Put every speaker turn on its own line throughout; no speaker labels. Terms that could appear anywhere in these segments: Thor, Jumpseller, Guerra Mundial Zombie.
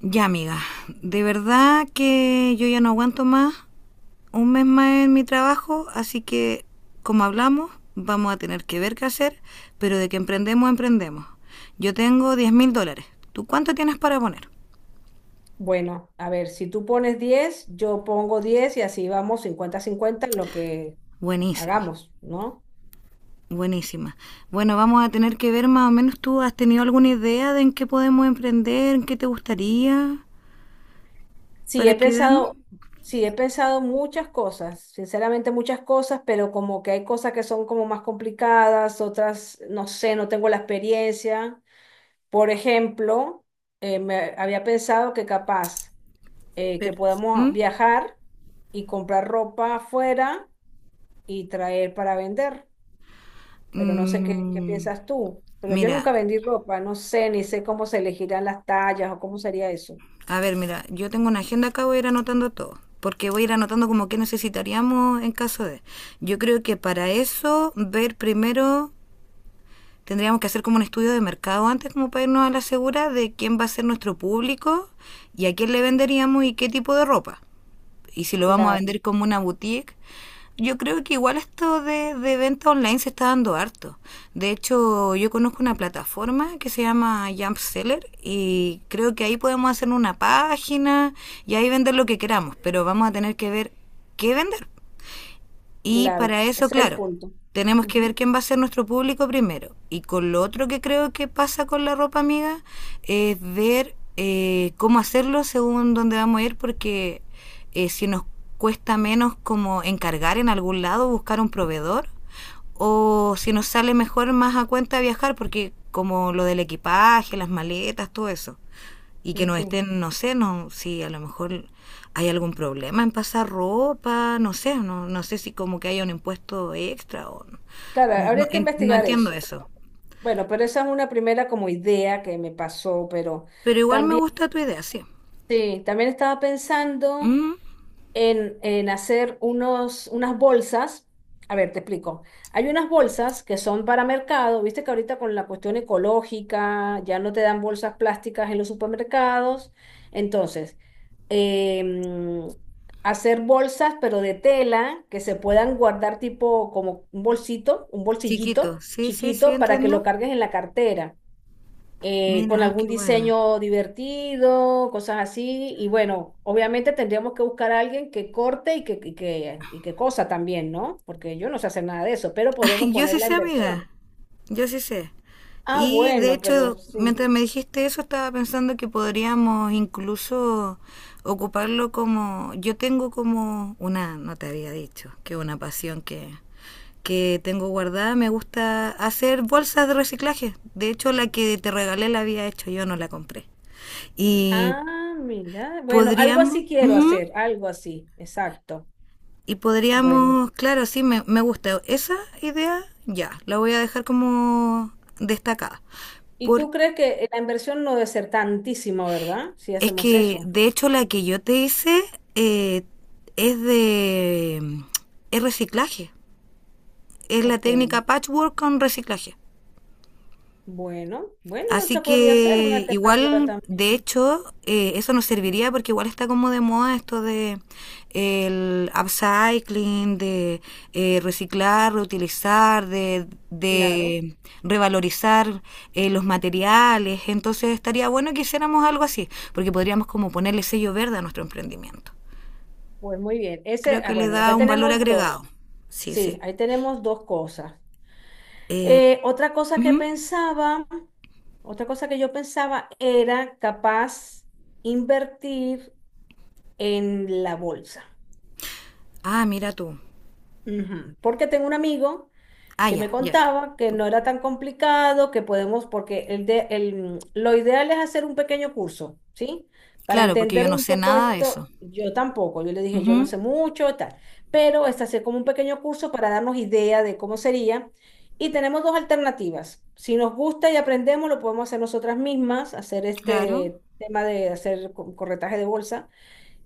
Ya, amiga, de verdad que yo ya no aguanto más un mes más en mi trabajo, así que, como hablamos, vamos a tener que ver qué hacer, pero de que emprendemos, emprendemos. Yo tengo $10.000. ¿Tú cuánto tienes para poner?
Bueno, a ver, si tú pones 10, yo pongo 10 y así vamos 50 cincuenta en lo que
Buenísima,
hagamos, ¿no?
buenísima. Bueno, vamos a tener que ver más o menos tú, ¿has tenido alguna idea de en qué podemos emprender, en qué te gustaría,
Sí, he
para que veamos?
pensado, sí, he pensado muchas cosas, sinceramente muchas cosas, pero como que hay cosas que son como más complicadas, otras, no sé, no tengo la experiencia. Por ejemplo, me había pensado que capaz que
Pero,
podamos
¿mm?
viajar y comprar ropa afuera y traer para vender. Pero no sé qué
Mm,
piensas tú. Pero yo
mira.
nunca vendí ropa, no sé, ni sé cómo se elegirán las tallas o cómo sería eso.
A ver, mira, yo tengo una agenda acá, voy a ir anotando todo, porque voy a ir anotando como que necesitaríamos en caso de... Yo creo que para eso, ver primero, tendríamos que hacer como un estudio de mercado antes, como para irnos a la segura de quién va a ser nuestro público y a quién le venderíamos y qué tipo de ropa, y si lo vamos a
Claro,
vender como una boutique, yo creo que igual esto de venta online se está dando harto. De hecho, yo conozco una plataforma que se llama Jumpseller y creo que ahí podemos hacer una página y ahí vender lo que queramos, pero vamos a tener que ver qué vender. Y para
claro,
eso,
ese es el
claro,
punto.
tenemos que ver
Ujú.
quién va a ser nuestro público primero. Y con lo otro que creo que pasa con la ropa, amiga, es ver cómo hacerlo según dónde vamos a ir, porque si nos cuesta menos como encargar en algún lado, buscar un proveedor, o si nos sale mejor más a cuenta viajar, porque como lo del equipaje, las maletas, todo eso, y que
En
no
fin.
estén, no sé, no, si a lo mejor hay algún problema en pasar ropa, no sé, no, no sé si como que haya un impuesto extra o no,
Claro,
no, no,
habría que
no
investigar
entiendo
eso.
eso.
Bueno, pero esa es una primera como idea que me pasó, pero
Pero igual me
también,
gusta tu idea, sí.
sí, también estaba pensando
Mm,
en hacer unos, unas bolsas. A ver, te explico. Hay unas bolsas que son para mercado. Viste que ahorita con la cuestión ecológica ya no te dan bolsas plásticas en los supermercados. Entonces, em, hacer bolsas, pero de tela, que se puedan guardar tipo como un bolsito, un
chiquito,
bolsillito
sí, sí, sí,
chiquito para que lo
entiendo.
cargues en la cartera, con
Mira,
algún
qué bueno.
diseño divertido, cosas así. Y bueno, obviamente tendríamos que buscar a alguien que corte y que cosa también, ¿no? Porque yo no sé hacer nada de eso, pero podremos
Yo
poner
sí
la
sé, amiga.
inversión.
Yo sí sé.
Ah,
Y de
bueno, pero
hecho,
sí.
mientras me dijiste eso, estaba pensando que podríamos incluso ocuparlo como... Yo tengo como una, no te había dicho, que una pasión que tengo guardada. Me gusta hacer bolsas de reciclaje. De hecho, la que te regalé la había hecho yo, no la compré. Y
Ah, mira. Bueno, algo
podríamos...
así quiero
Ujú.
hacer, algo así, exacto.
Y
Bueno.
podríamos, claro, sí, me gusta esa idea, ya, la voy a dejar como destacada.
¿Y
Porque
tú crees que la inversión no debe ser tantísima, verdad? Si
es
hacemos
que,
eso.
de hecho, la que yo te hice eh, es de es reciclaje. Es la
Ok.
técnica patchwork con reciclaje.
Bueno, bueno,
Así
esa podría ser una
que
alternativa
igual, de
también.
hecho, eso nos serviría porque igual está como de moda esto de el upcycling, de reciclar, reutilizar, de,
Claro.
de revalorizar los materiales. Entonces estaría bueno que hiciéramos algo así, porque podríamos como ponerle sello verde a nuestro emprendimiento.
Pues muy bien. Ese,
Creo
ah,
que le
bueno,
da
ya
un valor
tenemos
agregado.
dos.
Sí, sí.
Sí, ahí tenemos dos cosas.
Eh,
Otra cosa que
ujú.
pensaba, otra cosa que yo pensaba era capaz invertir en la bolsa.
Ah, mira tú.
Ujú. Porque tengo un amigo
Ah,
que
ya,
me
ya.
contaba que no era tan complicado, que podemos, porque lo ideal es hacer un pequeño curso, ¿sí? Para
Claro, porque yo
entender
no
un
sé
poco
nada de eso.
esto, yo tampoco, yo le dije, yo
Ujú,
no sé mucho, tal, pero es hacer como un pequeño curso para darnos idea de cómo sería. Y tenemos dos alternativas. Si nos gusta y aprendemos, lo podemos hacer nosotras mismas, hacer
claro.
este tema de hacer corretaje de bolsa.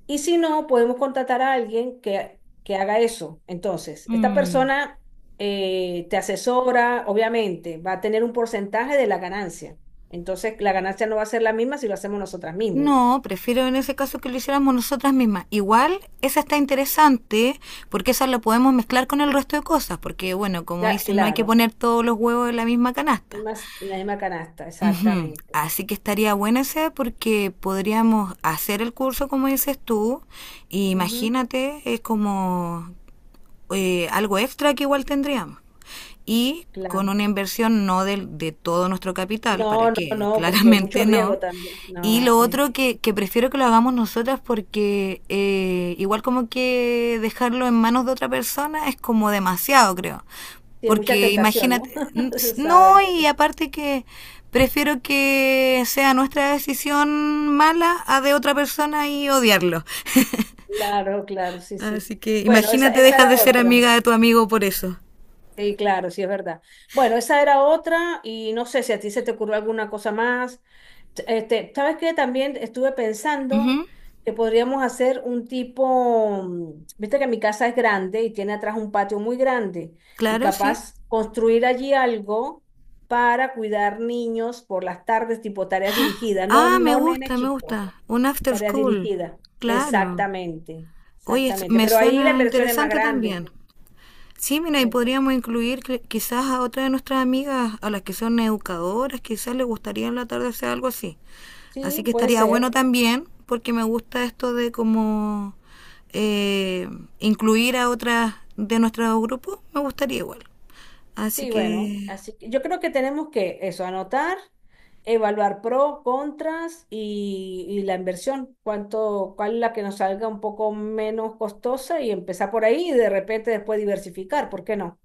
Y si no, podemos contratar a alguien que haga eso. Entonces, esta
Mm.
persona te asesora, obviamente, va a tener un porcentaje de la ganancia. Entonces, la ganancia no va a ser la misma si lo hacemos nosotras mismas.
No, prefiero en ese caso que lo hiciéramos nosotras mismas. Igual, esa está interesante porque esa la podemos mezclar con el resto de cosas, porque bueno, como
Ya,
dicen, no hay que
claro,
poner todos los huevos en la misma canasta.
en la misma canasta,
Ujú.
exactamente.
Así que estaría buena esa porque podríamos hacer el curso como dices tú, y
Ujú,
imagínate, es como algo extra que igual tendríamos. Y con
claro.
una inversión no de todo nuestro capital, ¿para
No, no,
qué?
no, porque mucho
Claramente
riesgo
no.
también.
Y
No,
lo
sí.
otro que prefiero que lo hagamos nosotras porque igual como que dejarlo en manos de otra persona es como demasiado, creo.
Tiene mucha
Porque
tentación, ¿no?
imagínate,
Se
no,
sabe.
y aparte que prefiero que sea nuestra decisión mala a de otra persona y odiarlo.
Claro, claro, sí, sí.
Así que
Bueno, esa,
imagínate,
esa
dejas de
era
ser
otra.
amiga de tu amigo por eso.
Sí, claro, sí es verdad. Bueno, esa era otra y no sé si a ti se te ocurrió alguna cosa más. Este, ¿sabes qué? También estuve pensando
Ujú.
que podríamos hacer un tipo, viste que mi casa es grande y tiene atrás un patio muy grande y
Claro, sí.
capaz construir allí algo para cuidar niños por las tardes, tipo tareas dirigidas, no,
Ah, me
no nenes
gusta, me
chicos,
gusta. Un after
tareas
school.
dirigidas.
Claro.
Exactamente,
Oye,
exactamente.
me
Pero ahí la
suena
inversión es más
interesante
grande.
también. Sí, mira, y
Eh,
podríamos incluir quizás a otra de nuestras amigas, a las que son educadoras, quizás les gustaría en la tarde hacer algo así. Así
sí,
que
puede
estaría bueno
ser.
también, porque me gusta esto de como eh, incluir a otras de nuestro grupo, me gustaría igual. Así
Sí, bueno,
que
así que yo creo que tenemos que eso, anotar, evaluar pro, contras y la inversión, cuánto, cuál es la que nos salga un poco menos costosa y empezar por ahí y de repente después diversificar, ¿por qué no?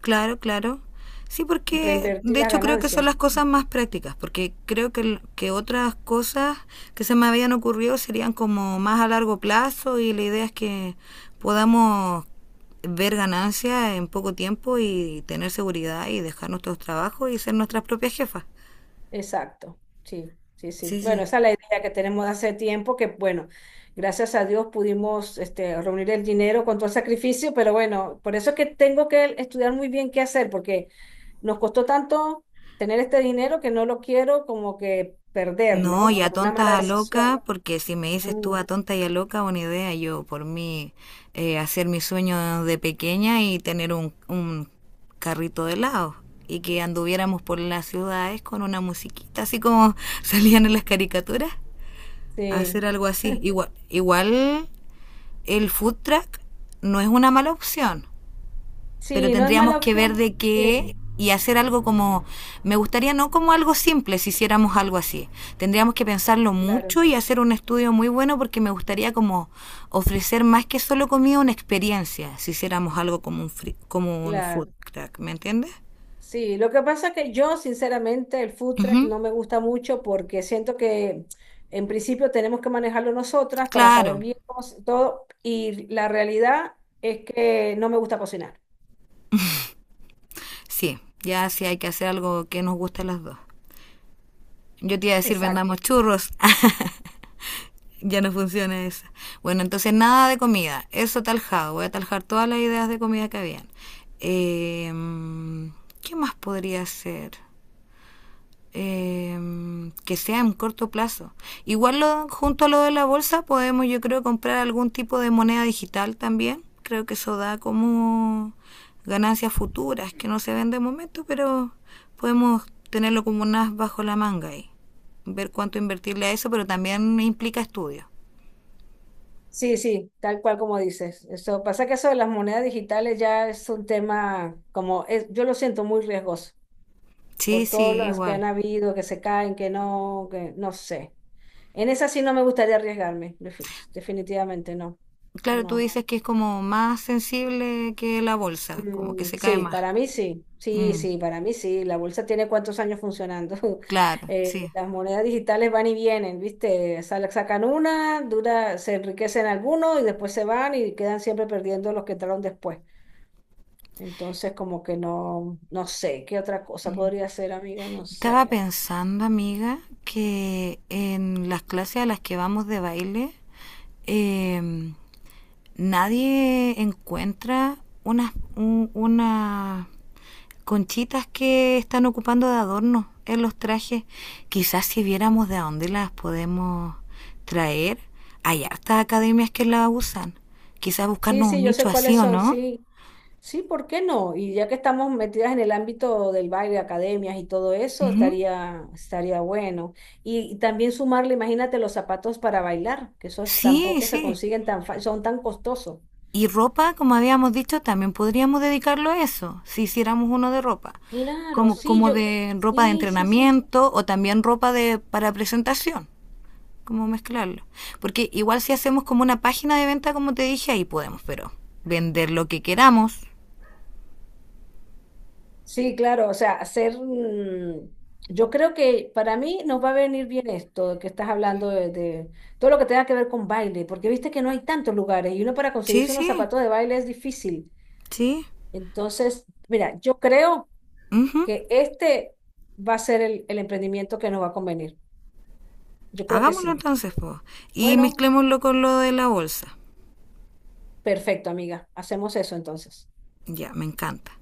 claro, claro. Sí, porque
Reinvertir
de
las
hecho creo que son
ganancias.
las cosas más prácticas, porque creo que, que otras cosas que se me habían ocurrido serían como más a largo plazo y la idea es que podamos ver ganancias en poco tiempo y tener seguridad y dejar nuestros trabajos y ser nuestras propias jefas.
Exacto, sí, sí, sí.
Sí,
Bueno,
sí.
esa es la idea que tenemos de hace tiempo, que bueno, gracias a Dios pudimos este, reunir el dinero con todo el sacrificio, pero bueno, por eso es que tengo que estudiar muy bien qué hacer, porque nos costó tanto tener este dinero que no lo quiero como que perder,
No,
¿no?
y a
Por una
tontas
mala
a
decisión.
loca, porque si me dices tú
Mm,
a tonta y a loca, una idea, yo por mí hacer mi sueño de pequeña y tener un carrito de helado y que anduviéramos por las ciudades con una musiquita, así como salían en las caricaturas,
sí,
hacer algo así. Igual, igual el food truck no es una mala opción, pero
sí, no es
tendríamos
mala
que ver
opción.
de
Sí,
qué y hacer algo como, me gustaría no como algo simple si hiciéramos algo así. Tendríamos que pensarlo
claro,
mucho y hacer un estudio muy bueno porque me gustaría como ofrecer más que solo comida una experiencia si hiciéramos algo como un, free, como un food
claro.
truck, ¿me entiendes?
Sí, lo que pasa es que yo sinceramente el food
Uh
truck
-huh.
no me gusta mucho porque siento que en principio tenemos que manejarlo nosotras para
Claro,
saber bien cómo todo y la realidad es que no me gusta cocinar.
sí, ya sí hay que hacer algo que nos guste a las dos. Yo te iba a decir
Exacto.
vendamos churros. Ya no funciona esa. Bueno, entonces nada de comida. Eso taljado. Voy a taljar todas las ideas de comida que habían. Em, ¿qué más podría ser? Em, que sea en corto plazo. Igual junto a lo de la bolsa podemos, yo creo, comprar algún tipo de moneda digital también. Creo que eso da como ganancias futuras que no se ven de momento, pero podemos tenerlo como unas bajo la manga y ver cuánto invertirle a eso, pero también implica estudios.
Sí, sí, tal cual como dices. Eso pasa que eso de las monedas digitales ya es un tema como es, yo lo siento muy riesgoso
Sí,
por todas
sí,
las que
igual.
han habido, que se caen, que no sé. En esa sí no me gustaría arriesgarme, definitivamente no.
Claro, tú
No.
dices que es como más sensible que la bolsa, como que
Mm,
se cae
sí,
más.
para mí sí, sí,
Mm,
sí, para mí sí. La bolsa tiene cuántos años funcionando.
claro, sí.
Las monedas digitales van y vienen, ¿viste? Sacan una, dura, se enriquecen algunos y después se van y quedan siempre perdiendo los que entraron después. Entonces, como que no, no sé, ¿qué otra cosa podría ser, amiga? No
Estaba
sé.
pensando, amiga, que en las clases a las que vamos de baile, em, nadie encuentra unas conchitas que están ocupando de adorno en los trajes. Quizás si viéramos de dónde las podemos traer, hay hartas academias que las usan. Quizás
Sí,
buscarnos un
sí, yo sé
nicho
cuáles
así o
son,
no.
sí. Sí, ¿por qué no? Y ya que estamos metidas en el ámbito del baile, academias y todo eso,
Ujú.
estaría bueno. Y también sumarle, imagínate, los zapatos para bailar, que esos
Sí,
tampoco se
sí.
consiguen tan fácil, son tan costosos.
Y ropa, como habíamos dicho, también podríamos dedicarlo a eso, si hiciéramos uno de ropa,
Claro,
como,
sí,
como
yo,
de ropa de
sí, sí, sí.
entrenamiento o también ropa de, para presentación, como mezclarlo. Porque igual si hacemos como una página de venta, como te dije, ahí podemos, pero vender lo que queramos.
Sí, claro, o sea, hacer, yo creo que para mí nos va a venir bien esto que estás hablando de todo lo que tenga que ver con baile, porque viste que no hay tantos lugares y uno para
Sí,
conseguirse unos
sí,
zapatos de baile es difícil.
sí.
Entonces, mira, yo creo
Ujú.
que este va a ser el emprendimiento que nos va a convenir. Yo creo que
Hagámoslo
sí.
entonces, po. Y
Bueno,
mezclémoslo con lo de la bolsa.
perfecto, amiga. Hacemos eso entonces.
Ya, me encanta.